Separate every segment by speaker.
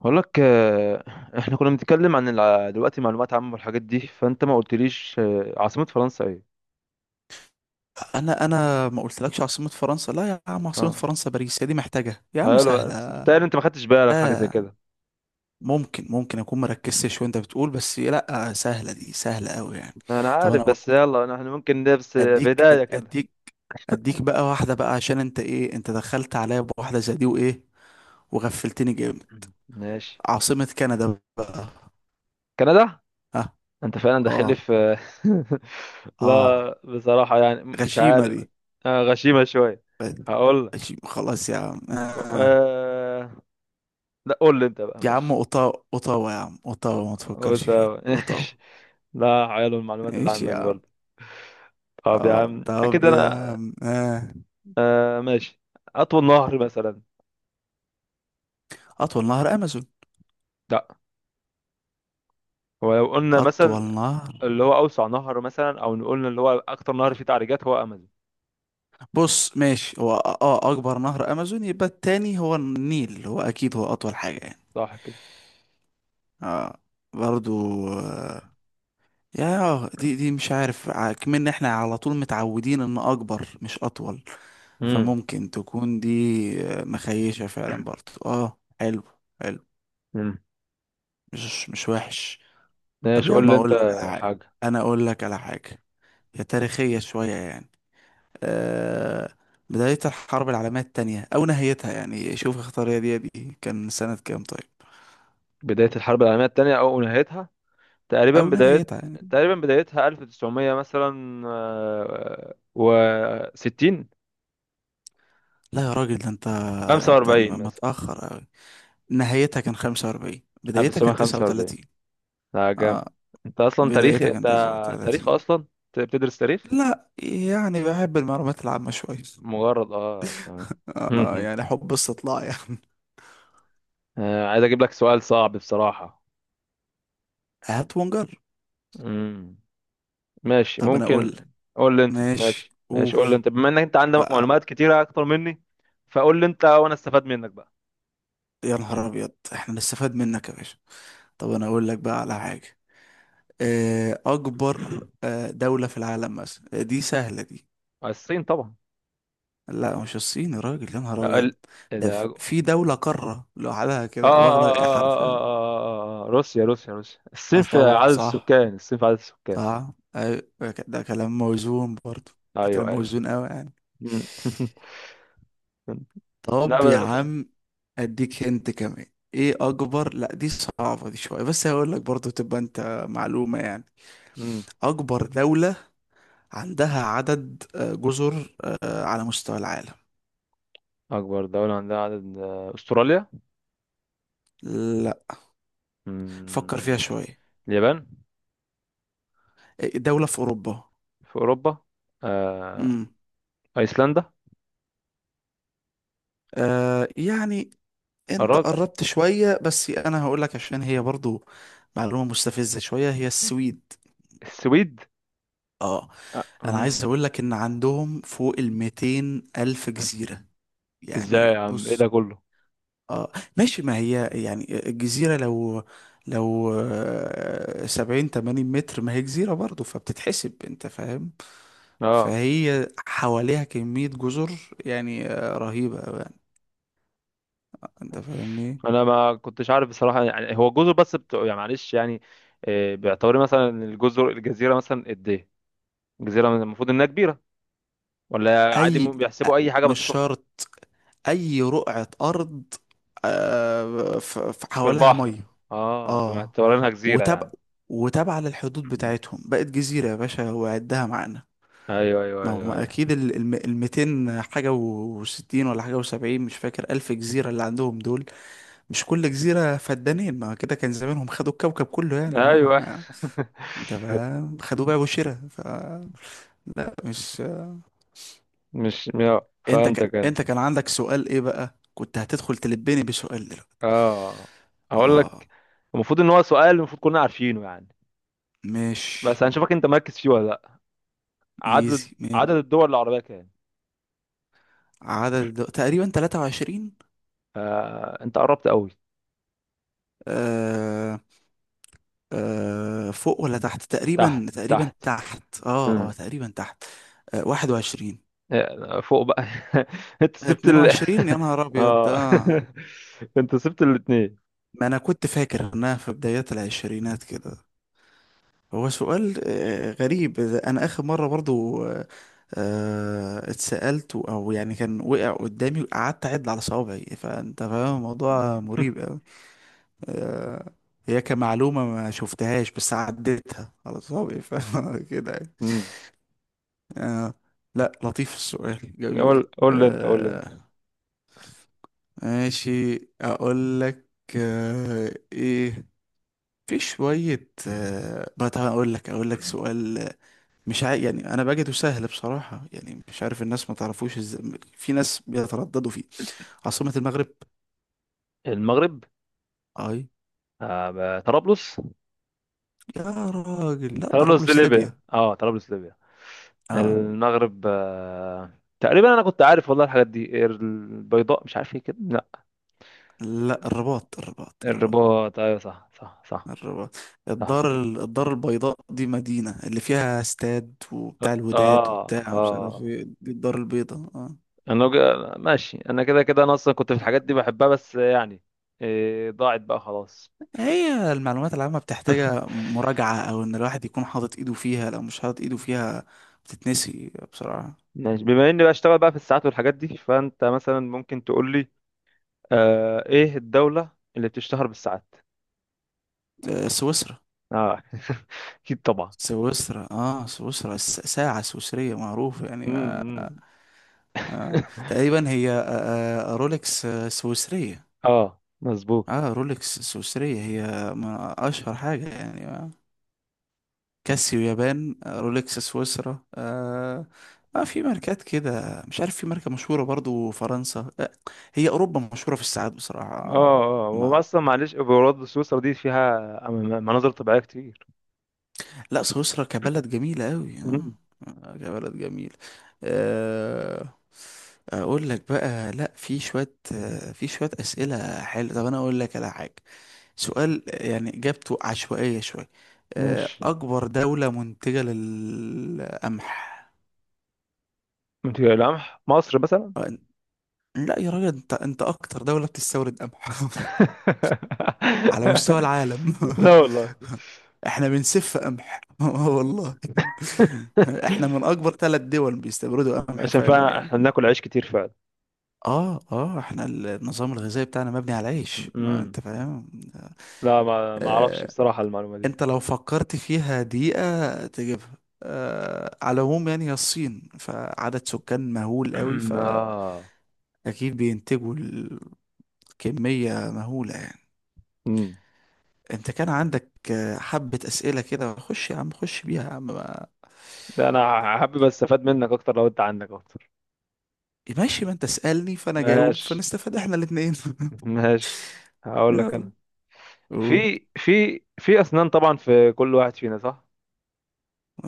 Speaker 1: بقول لك، احنا كنا بنتكلم عن دلوقتي معلومات عامة والحاجات دي. فانت ما قلتليش، عاصمة فرنسا ايه؟
Speaker 2: انا ما قلتلكش عاصمة فرنسا، لا يا عم. عاصمة
Speaker 1: اه،
Speaker 2: فرنسا باريس، هي دي محتاجة يا عم؟
Speaker 1: حلو. بس انت
Speaker 2: سهلة.
Speaker 1: تقريبا ما خدتش بالك حاجة زي
Speaker 2: اه،
Speaker 1: كده.
Speaker 2: ممكن اكون مركزتش وانت بتقول، بس لا سهلة دي، سهلة قوي يعني.
Speaker 1: انا
Speaker 2: طب انا
Speaker 1: عارف.
Speaker 2: اقول.
Speaker 1: بس يلا، احنا ممكن نبس
Speaker 2: اديك أد-
Speaker 1: بداية كده.
Speaker 2: اديك اديك بقى واحدة بقى، عشان انت ايه، انت دخلت عليا بواحدة زي دي وايه، وغفلتني جامد.
Speaker 1: ماشي.
Speaker 2: عاصمة كندا بقى.
Speaker 1: كندا.
Speaker 2: ها.
Speaker 1: انت فعلا داخل لي
Speaker 2: اه،
Speaker 1: في
Speaker 2: اه.
Speaker 1: لا بصراحة يعني مش
Speaker 2: غشيمة
Speaker 1: عارف.
Speaker 2: دي،
Speaker 1: غشيمة شوية. هقول لك.
Speaker 2: غشيمة خلاص يا عم آه.
Speaker 1: أه... لا، قول لي انت بقى.
Speaker 2: يا عم
Speaker 1: ماشي.
Speaker 2: اوتاوا، اوتاوا يا عم، اوتاوا، ما تفكرش
Speaker 1: قلت
Speaker 2: فيها اوتاوا.
Speaker 1: ماشي. لا، حلو المعلومات اللي
Speaker 2: ماشي
Speaker 1: عندك
Speaker 2: يا عم.
Speaker 1: برضه. طب يا
Speaker 2: اه
Speaker 1: عم،
Speaker 2: طب
Speaker 1: اكيد
Speaker 2: يا
Speaker 1: انا.
Speaker 2: عم آه.
Speaker 1: آه، ماشي. اطول نهر مثلا.
Speaker 2: اطول نهر امازون،
Speaker 1: لا. هو لو قلنا مثلا،
Speaker 2: اطول نهر.
Speaker 1: اللي هو اوسع نهر مثلا، او نقول اللي هو اكتر نهر فيه تعريجات هو امازون.
Speaker 2: بص ماشي، هو اكبر نهر امازون، يبقى التاني هو النيل، هو اكيد هو اطول حاجة يعني.
Speaker 1: صح كده.
Speaker 2: اه، برضو آه. يا دي دي، مش عارف، كمان احنا على طول متعودين ان اكبر مش اطول،
Speaker 1: امم.
Speaker 2: فممكن تكون دي. آه، مخيشة فعلا برضو. اه حلو، حلو.
Speaker 1: امم.
Speaker 2: مش وحش. طب
Speaker 1: ماشي،
Speaker 2: يا
Speaker 1: قول
Speaker 2: عم
Speaker 1: لي
Speaker 2: اقول
Speaker 1: انت.
Speaker 2: لك على حاجة،
Speaker 1: حاجه.
Speaker 2: انا اقول لك على حاجة. هي تاريخية شوية يعني. آه، بداية الحرب العالمية التانية أو نهايتها؟ يعني شوف اختار، يا دي يا دي، كان سنة كام طيب؟
Speaker 1: بدايه الحرب العالميه الثانيه او نهايتها. تقريبا
Speaker 2: أو
Speaker 1: بدايه.
Speaker 2: نهايتها يعني.
Speaker 1: تقريبا بدايتها 1900 مثلا، و 60.
Speaker 2: لا يا راجل، ده أنت أنت
Speaker 1: 45
Speaker 2: م-
Speaker 1: مثلا.
Speaker 2: متأخر أوي. نهايتها كان خمسة وأربعين، بدايتها كان تسعة
Speaker 1: 1945.
Speaker 2: وتلاتين.
Speaker 1: لا، جامد.
Speaker 2: آه.
Speaker 1: انت اصلا تاريخ
Speaker 2: بدايتها
Speaker 1: انت.
Speaker 2: كان تسعة
Speaker 1: تاريخ
Speaker 2: وتلاتين.
Speaker 1: اصلا انت بتدرس تاريخ.
Speaker 2: لا يعني بحب المعلومات العامة شوية.
Speaker 1: مجرد، اه تمام.
Speaker 2: آه يعني حب استطلاع يعني.
Speaker 1: آه، عايز اجيب لك سؤال صعب بصراحة.
Speaker 2: هات ونجر.
Speaker 1: مم. ماشي،
Speaker 2: طب أنا أقول
Speaker 1: ممكن.
Speaker 2: لك.
Speaker 1: قول لي انت.
Speaker 2: ماشي
Speaker 1: ماشي، ماشي،
Speaker 2: قول.
Speaker 1: قول لي انت، بما انك
Speaker 2: و-
Speaker 1: عندك معلومات كتيرة اكتر مني. فقول لي انت وانا استفاد منك بقى.
Speaker 2: يا نهار أبيض، إحنا نستفاد منك يا باشا؟ طب أنا أقول لك بقى على حاجة. اكبر دولة في العالم مثلا، دي سهلة دي.
Speaker 1: الصين طبعا.
Speaker 2: لا مش الصين يا راجل، يا نهار ابيض.
Speaker 1: ال... ايه
Speaker 2: ده
Speaker 1: ده...
Speaker 2: في دولة قارة لوحدها كده، واخدة إيه، حرفيا.
Speaker 1: اه آه، روسيا، روسيا، روسيا.
Speaker 2: اه
Speaker 1: الصين في
Speaker 2: طبعا،
Speaker 1: عدد
Speaker 2: صح،
Speaker 1: السكان. الصين في عدد السكان.
Speaker 2: صح، أيوة، ده كلام موزون برضه. ده
Speaker 1: ايوه،
Speaker 2: كلام
Speaker 1: ايوه.
Speaker 2: موزون قوي يعني.
Speaker 1: مم. لا،
Speaker 2: طب يا عم، اديك هنت كمان. ايه اكبر، لا دي صعبة دي شوية، بس هقول لك برضه تبقى انت معلومة يعني.
Speaker 1: مم.
Speaker 2: اكبر دولة عندها عدد جزر على مستوى العالم.
Speaker 1: أكبر دولة عندها عدد، أستراليا.
Speaker 2: لا فكر فيها
Speaker 1: مم.
Speaker 2: شوية.
Speaker 1: اليابان.
Speaker 2: آه، دولة في أوروبا.
Speaker 1: في أوروبا؟ آه.
Speaker 2: امم.
Speaker 1: أيسلندا.
Speaker 2: آه يعني. أنت
Speaker 1: قربت.
Speaker 2: قربت شوية، بس أنا هقول لك عشان هي برضو معلومة مستفزة شوية، هي السويد.
Speaker 1: السويد.
Speaker 2: اه.
Speaker 1: آه.
Speaker 2: أنا عايز
Speaker 1: مم.
Speaker 2: أقول لك إن عندهم فوق الميتين ألف جزيرة.
Speaker 1: إزاي يا
Speaker 2: يعني
Speaker 1: عم، إيه ده
Speaker 2: بص،
Speaker 1: كله؟
Speaker 2: اه ماشي، ما هي يعني الجزيرة، لو سبعين تمانين متر، ما هي جزيرة برضو، فبتتحسب، انت فاهم.
Speaker 1: أه،
Speaker 2: فهي حواليها كمية جزر يعني، آه، رهيبة أوي يعني، انت فاهمني.
Speaker 1: أنا ما كنتش عارف بصراحة. يعني هو جزر بس بتوع يعني، معلش يعني. آه، باعتباري مثلا، الجزيرة مثلا قد إيه؟ الجزيرة مثلاً المفروض إنها كبيرة ولا عادي،
Speaker 2: اي، أ-
Speaker 1: بيحسبوا أي حاجة
Speaker 2: مش
Speaker 1: بسيطة.
Speaker 2: شرط، اي رقعة ارض
Speaker 1: في
Speaker 2: حواليها مية.
Speaker 1: البحر. أه،
Speaker 2: اه.
Speaker 1: فمعتبرينها جزيرة
Speaker 2: وتابع
Speaker 1: يعني.
Speaker 2: وتابعة للحدود بتاعتهم، بقت جزيرة يا باشا وعدها معانا.
Speaker 1: أيوه، أيوه،
Speaker 2: ما هو
Speaker 1: أيوه، أيوه،
Speaker 2: اكيد 200 حاجه و60 ولا حاجه و70، مش فاكر، الف جزيره اللي عندهم دول. مش كل جزيره فدانين، ما كده كان زمانهم خدوا الكوكب كله يعني معاهم
Speaker 1: أيوه.
Speaker 2: ده بقى خدوه بقى وشرا ف. لا مش.
Speaker 1: مش
Speaker 2: انت ك...
Speaker 1: فهمتك انا.
Speaker 2: انت كان عندك سؤال ايه بقى، كنت هتدخل تلبني بسؤال دلوقتي؟
Speaker 1: اه، هقول
Speaker 2: اه
Speaker 1: لك. المفروض ان هو سؤال المفروض كلنا عارفينه يعني.
Speaker 2: ماشي.
Speaker 1: بس هنشوفك انت مركز فيه ولا لا.
Speaker 2: ايزي
Speaker 1: عدد
Speaker 2: ماشي.
Speaker 1: الدول العربية كام؟
Speaker 2: تقريبا 23.
Speaker 1: آه، انت قربت قوي.
Speaker 2: آه... فوق ولا تحت؟ تقريبا
Speaker 1: تحت،
Speaker 2: تقريبا
Speaker 1: تحت.
Speaker 2: تحت، اه اه
Speaker 1: مم.
Speaker 2: تقريبا تحت. آه، 21،
Speaker 1: آه، فوق بقى. انت سبت ال.
Speaker 2: 22 يا نهار أبيض ده.
Speaker 1: اه. انت سبت الاتنين.
Speaker 2: ما أنا كنت فاكر إنها في بدايات العشرينات كده. هو سؤال غريب، أنا آخر مرة برضو اتسألت، أو يعني كان وقع قدامي، قعدت أعد على صوابعي، فأنت فاهم الموضوع مريب أوي. آه، هي كمعلومة ما شفتهاش، بس عديتها على صوابعي، فاهم كده يعني.
Speaker 1: مم. مم.
Speaker 2: آه، لا لطيف، السؤال جميل.
Speaker 1: قول لي انت. قول لي انت.
Speaker 2: آه، ماشي اقول لك. ايه، في شوية بقى، تعالى اقول لك سؤال. مش عارف يعني، انا بجده سهل بصراحة يعني، مش عارف الناس ما تعرفوش ازاي، في ناس بيترددوا فيه. عاصمة المغرب.
Speaker 1: المغرب.
Speaker 2: اي.
Speaker 1: طرابلس.
Speaker 2: يا راجل لا،
Speaker 1: طرابلس دي
Speaker 2: طرابلس ليبيا.
Speaker 1: ليبيا. اه، طرابلس ليبيا.
Speaker 2: اه.
Speaker 1: المغرب، آه، تقريبا انا كنت عارف والله. الحاجات دي، البيضاء مش عارف ايه كده. لا،
Speaker 2: لا الرباط، الرباط، الرباط،
Speaker 1: الرباط. ايوه، صح، صح، صح.
Speaker 2: الرباط.
Speaker 1: صح.
Speaker 2: الدار البيضاء دي مدينة اللي فيها استاد وبتاع
Speaker 1: اه،
Speaker 2: الوداد،
Speaker 1: اه،
Speaker 2: وبتاع مش عارف
Speaker 1: اه.
Speaker 2: ايه، دي الدار البيضاء، اه.
Speaker 1: انا ماشي. انا كده كده، انا اصلا كنت في الحاجات دي بحبها بس يعني. إيه، ضاعت بقى خلاص.
Speaker 2: هي المعلومات العامة بتحتاجها مراجعة، أو إن الواحد يكون حاطط إيده فيها، لو مش حاطط إيده فيها بتتنسي بسرعة.
Speaker 1: ماشي، بما اني بشتغل بقى في الساعات والحاجات دي، فانت مثلا ممكن تقول لي، آه، ايه الدولة اللي بتشتهر بالساعات؟
Speaker 2: آه، سويسرا.
Speaker 1: اه. اكيد طبعا.
Speaker 2: سويسرا، اه سويسرا، ساعة سويسرية معروفة يعني
Speaker 1: مم. مم.
Speaker 2: آه. تقريبا هي رولكس سويسرية.
Speaker 1: اه، مظبوط.
Speaker 2: اه، رولكس سويسرية، هي من أشهر حاجة يعني. كاسيو يابان، رولكس سويسرا. في ماركات كده مش عارف، في ماركة مشهورة برضو فرنسا آه. هي أوروبا مشهورة في الساعات بصراحة آه،
Speaker 1: اه، اه،
Speaker 2: ما.
Speaker 1: واصلا معلش برضه سويسرا دي فيها مناظر طبيعيه كتير.
Speaker 2: لا سويسرا كبلد جميلة أوي آه.
Speaker 1: مم.
Speaker 2: كبلد جميل آه. أقول لك بقى، لا في شوية في شوية أسئلة حلوة. طب أنا أقول لك على حاجة، سؤال يعني إجابته عشوائية شوية.
Speaker 1: ماشي.
Speaker 2: أكبر دولة منتجة للقمح.
Speaker 1: انت لمح مصر مثلا.
Speaker 2: لا يا راجل، انت اكتر دولة بتستورد قمح على مستوى العالم.
Speaker 1: لا والله.
Speaker 2: احنا بنسف قمح والله. احنا من اكبر ثلاث دول بيستوردوا قمح
Speaker 1: عشان
Speaker 2: فعلا
Speaker 1: فعلا
Speaker 2: يعني.
Speaker 1: احنا بناكل عيش كتير فعلا.
Speaker 2: اه اه، احنا النظام الغذائي بتاعنا مبني على العيش، ما انت
Speaker 1: مم.
Speaker 2: فاهم.
Speaker 1: لا، ما اعرفش
Speaker 2: آه.
Speaker 1: بصراحه المعلومه دي.
Speaker 2: انت لو فكرت فيها دقيقة تجيبها. آه على العموم، يعني هي الصين فعدد سكان مهول قوي، فاكيد
Speaker 1: اه.
Speaker 2: بينتجوا، الكمية مهولة يعني.
Speaker 1: مم.
Speaker 2: انت كان عندك حبة أسئلة كده، خش يا عم، خش بيها يا عم
Speaker 1: ده انا حابب استفاد منك اكتر لو انت عندك اكتر.
Speaker 2: ماشي، ما انت اسألني فانا جاوب،
Speaker 1: ماشي.
Speaker 2: فنستفاد احنا الاتنين
Speaker 1: ماشي. هقول لك
Speaker 2: يلا
Speaker 1: انا.
Speaker 2: قول.
Speaker 1: في اسنان طبعا في كل واحد فينا، صح؟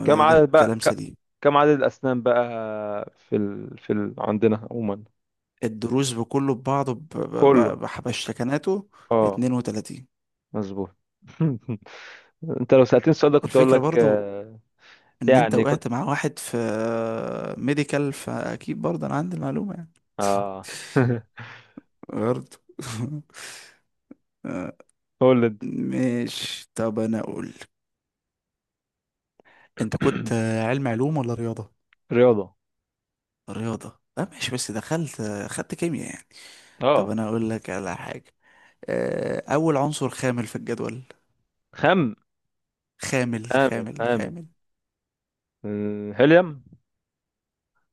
Speaker 1: كم
Speaker 2: ده
Speaker 1: عدد بقى
Speaker 2: كلام
Speaker 1: ك-
Speaker 2: سليم.
Speaker 1: كم عدد الأسنان بقى؟ عندنا عموما.
Speaker 2: الدروز بكله ببعضه
Speaker 1: كله، كله.
Speaker 2: بحبشتكناته.
Speaker 1: اه،
Speaker 2: 32.
Speaker 1: مظبوط. انت لو سألتني السؤال ده كنت اقول
Speaker 2: الفكرة
Speaker 1: لك،
Speaker 2: برضو
Speaker 1: آه،
Speaker 2: ان انت
Speaker 1: يعني كنت.
Speaker 2: وقعت مع واحد في ميديكال، فاكيد برضه انا عندي المعلومة يعني.
Speaker 1: اه.
Speaker 2: برضه آه،
Speaker 1: قول انت.
Speaker 2: ماشي طب انا اقول. انت كنت علوم ولا رياضة؟
Speaker 1: رياضة.
Speaker 2: رياضة، لا ماشي، بس دخلت خدت كيمياء يعني. طب
Speaker 1: اه.
Speaker 2: انا اقول لك على حاجة، آه، اول عنصر خامل في الجدول.
Speaker 1: خم
Speaker 2: خامل،
Speaker 1: خامل،
Speaker 2: خامل،
Speaker 1: خامل.
Speaker 2: خامل.
Speaker 1: آه، هيليوم.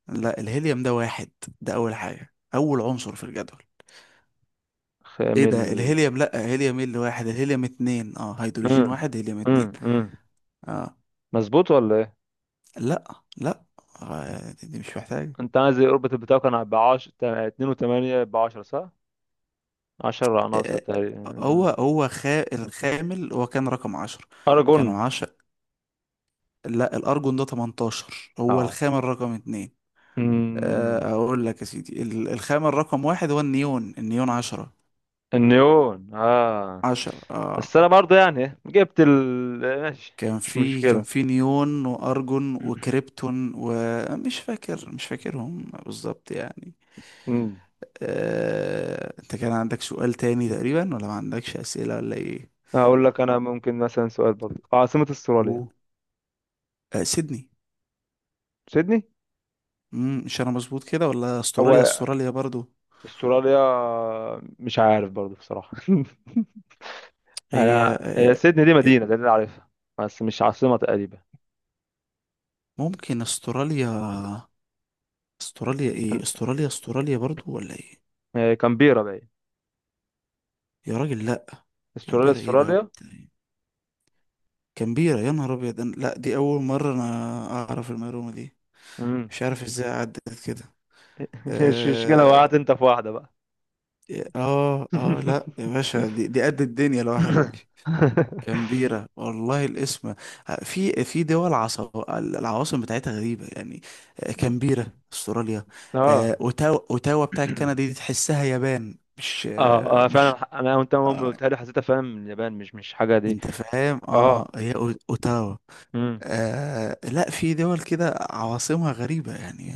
Speaker 2: لا الهيليوم ده واحد، ده اول حاجة، اول عنصر في الجدول، ايه
Speaker 1: خامل،
Speaker 2: ده.
Speaker 1: حلو
Speaker 2: الهيليوم
Speaker 1: ده.
Speaker 2: لا، هيليوم ايه اللي واحد، الهيليوم اتنين، اه هيدروجين
Speaker 1: امم.
Speaker 2: واحد، هيليوم
Speaker 1: امم
Speaker 2: اتنين.
Speaker 1: امم
Speaker 2: اه.
Speaker 1: مظبوط ولا ايه؟
Speaker 2: لا، لا، آه، دي مش محتاج.
Speaker 1: انت عايز الاوربت بتاعك كان ب 10. 2 و8 ب 10، صح؟ 10 ناقصه
Speaker 2: آه،
Speaker 1: تقريبا،
Speaker 2: الخامل هو كان رقم عشرة.
Speaker 1: ارجون.
Speaker 2: كانوا عشرة. لا الأرجون ده 18، هو
Speaker 1: اه.
Speaker 2: الخامل رقم اتنين.
Speaker 1: مم.
Speaker 2: آه، اقول لك يا سيدي، الخامة الرقم واحد هو النيون، النيون عشرة.
Speaker 1: النيون. اه،
Speaker 2: عشرة اه.
Speaker 1: بس انا برضه يعني جبت ال. ماشي،
Speaker 2: كان
Speaker 1: مش
Speaker 2: في كان
Speaker 1: مشكلة.
Speaker 2: في نيون وارجون وكريبتون، ومش فاكر، مش فاكرهم بالظبط يعني.
Speaker 1: مم.
Speaker 2: آه، انت كان عندك سؤال تاني تقريبا ولا ما عندكش اسئلة ولا ايه؟
Speaker 1: هقول لك انا. ممكن مثلا سؤال برضه، عاصمة استراليا.
Speaker 2: أوه. آه، سيدني.
Speaker 1: سيدني.
Speaker 2: مم، مش انا مظبوط كده، ولا استراليا،
Speaker 1: هو
Speaker 2: استراليا برضو؟
Speaker 1: استراليا مش عارف برضه بصراحة.
Speaker 2: هي
Speaker 1: انا هي سيدني دي
Speaker 2: آه،
Speaker 1: مدينة ده اللي أنا عارفها، بس مش عاصمة تقريبا.
Speaker 2: ممكن استراليا. استراليا ايه،
Speaker 1: كان-
Speaker 2: استراليا استراليا برضو ولا ايه؟
Speaker 1: آه، كامبيرا باين.
Speaker 2: يا راجل لا.
Speaker 1: استراليا،
Speaker 2: كامبيرا ايه بقى
Speaker 1: استراليا.
Speaker 2: وبتاع. كان بيرة يا نهار أبيض. لا دي أول مرة أنا أعرف المعلومة دي،
Speaker 1: مم.
Speaker 2: مش عارف إزاي عدت كده.
Speaker 1: مش، مش كده،
Speaker 2: آه
Speaker 1: وقعت انت في واحدة بقى.
Speaker 2: لا يا باشا، دي قد الدنيا لوحدها دي. كان بيرة، والله الاسم آه. في دول، العواصم بتاعتها غريبة يعني. آه، كامبيرا استراليا. آه،
Speaker 1: اه،
Speaker 2: اوتاوا، اوتاوا بتاع كندا، دي تحسها يابان مش
Speaker 1: اه، اه، فعلا
Speaker 2: مش،
Speaker 1: انا وانت اول ما
Speaker 2: آه،
Speaker 1: قلتها لي حسيتها فعلا من اليابان. مش حاجه دي.
Speaker 2: انت فاهم. اه
Speaker 1: اه.
Speaker 2: هي اوتاوا.
Speaker 1: امم.
Speaker 2: آه لا في دول كده عواصمها غريبة يعني.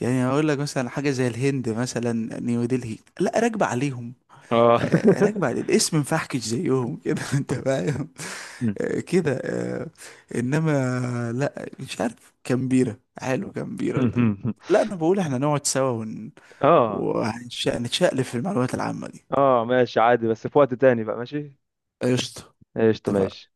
Speaker 2: يعني هقول لك مثلا حاجة زي الهند، مثلا نيودلهي، لا راكبة عليهم،
Speaker 1: اه.
Speaker 2: آه، راكبة على الاسم، مفحكش زيهم كده انت فاهم.
Speaker 1: مم.
Speaker 2: آه، كده آه، انما، لا مش عارف، كامبيرا حلو، كامبيرا ده. لا انا بقول احنا نقعد سوا ون...
Speaker 1: اه،
Speaker 2: وهنتشقلب في المعلومات العامة دي.
Speaker 1: اه، ماشي عادي بس في وقت تاني بقى. ماشي.
Speaker 2: قشطة.
Speaker 1: قشطة.
Speaker 2: اتفقنا.
Speaker 1: ماشي.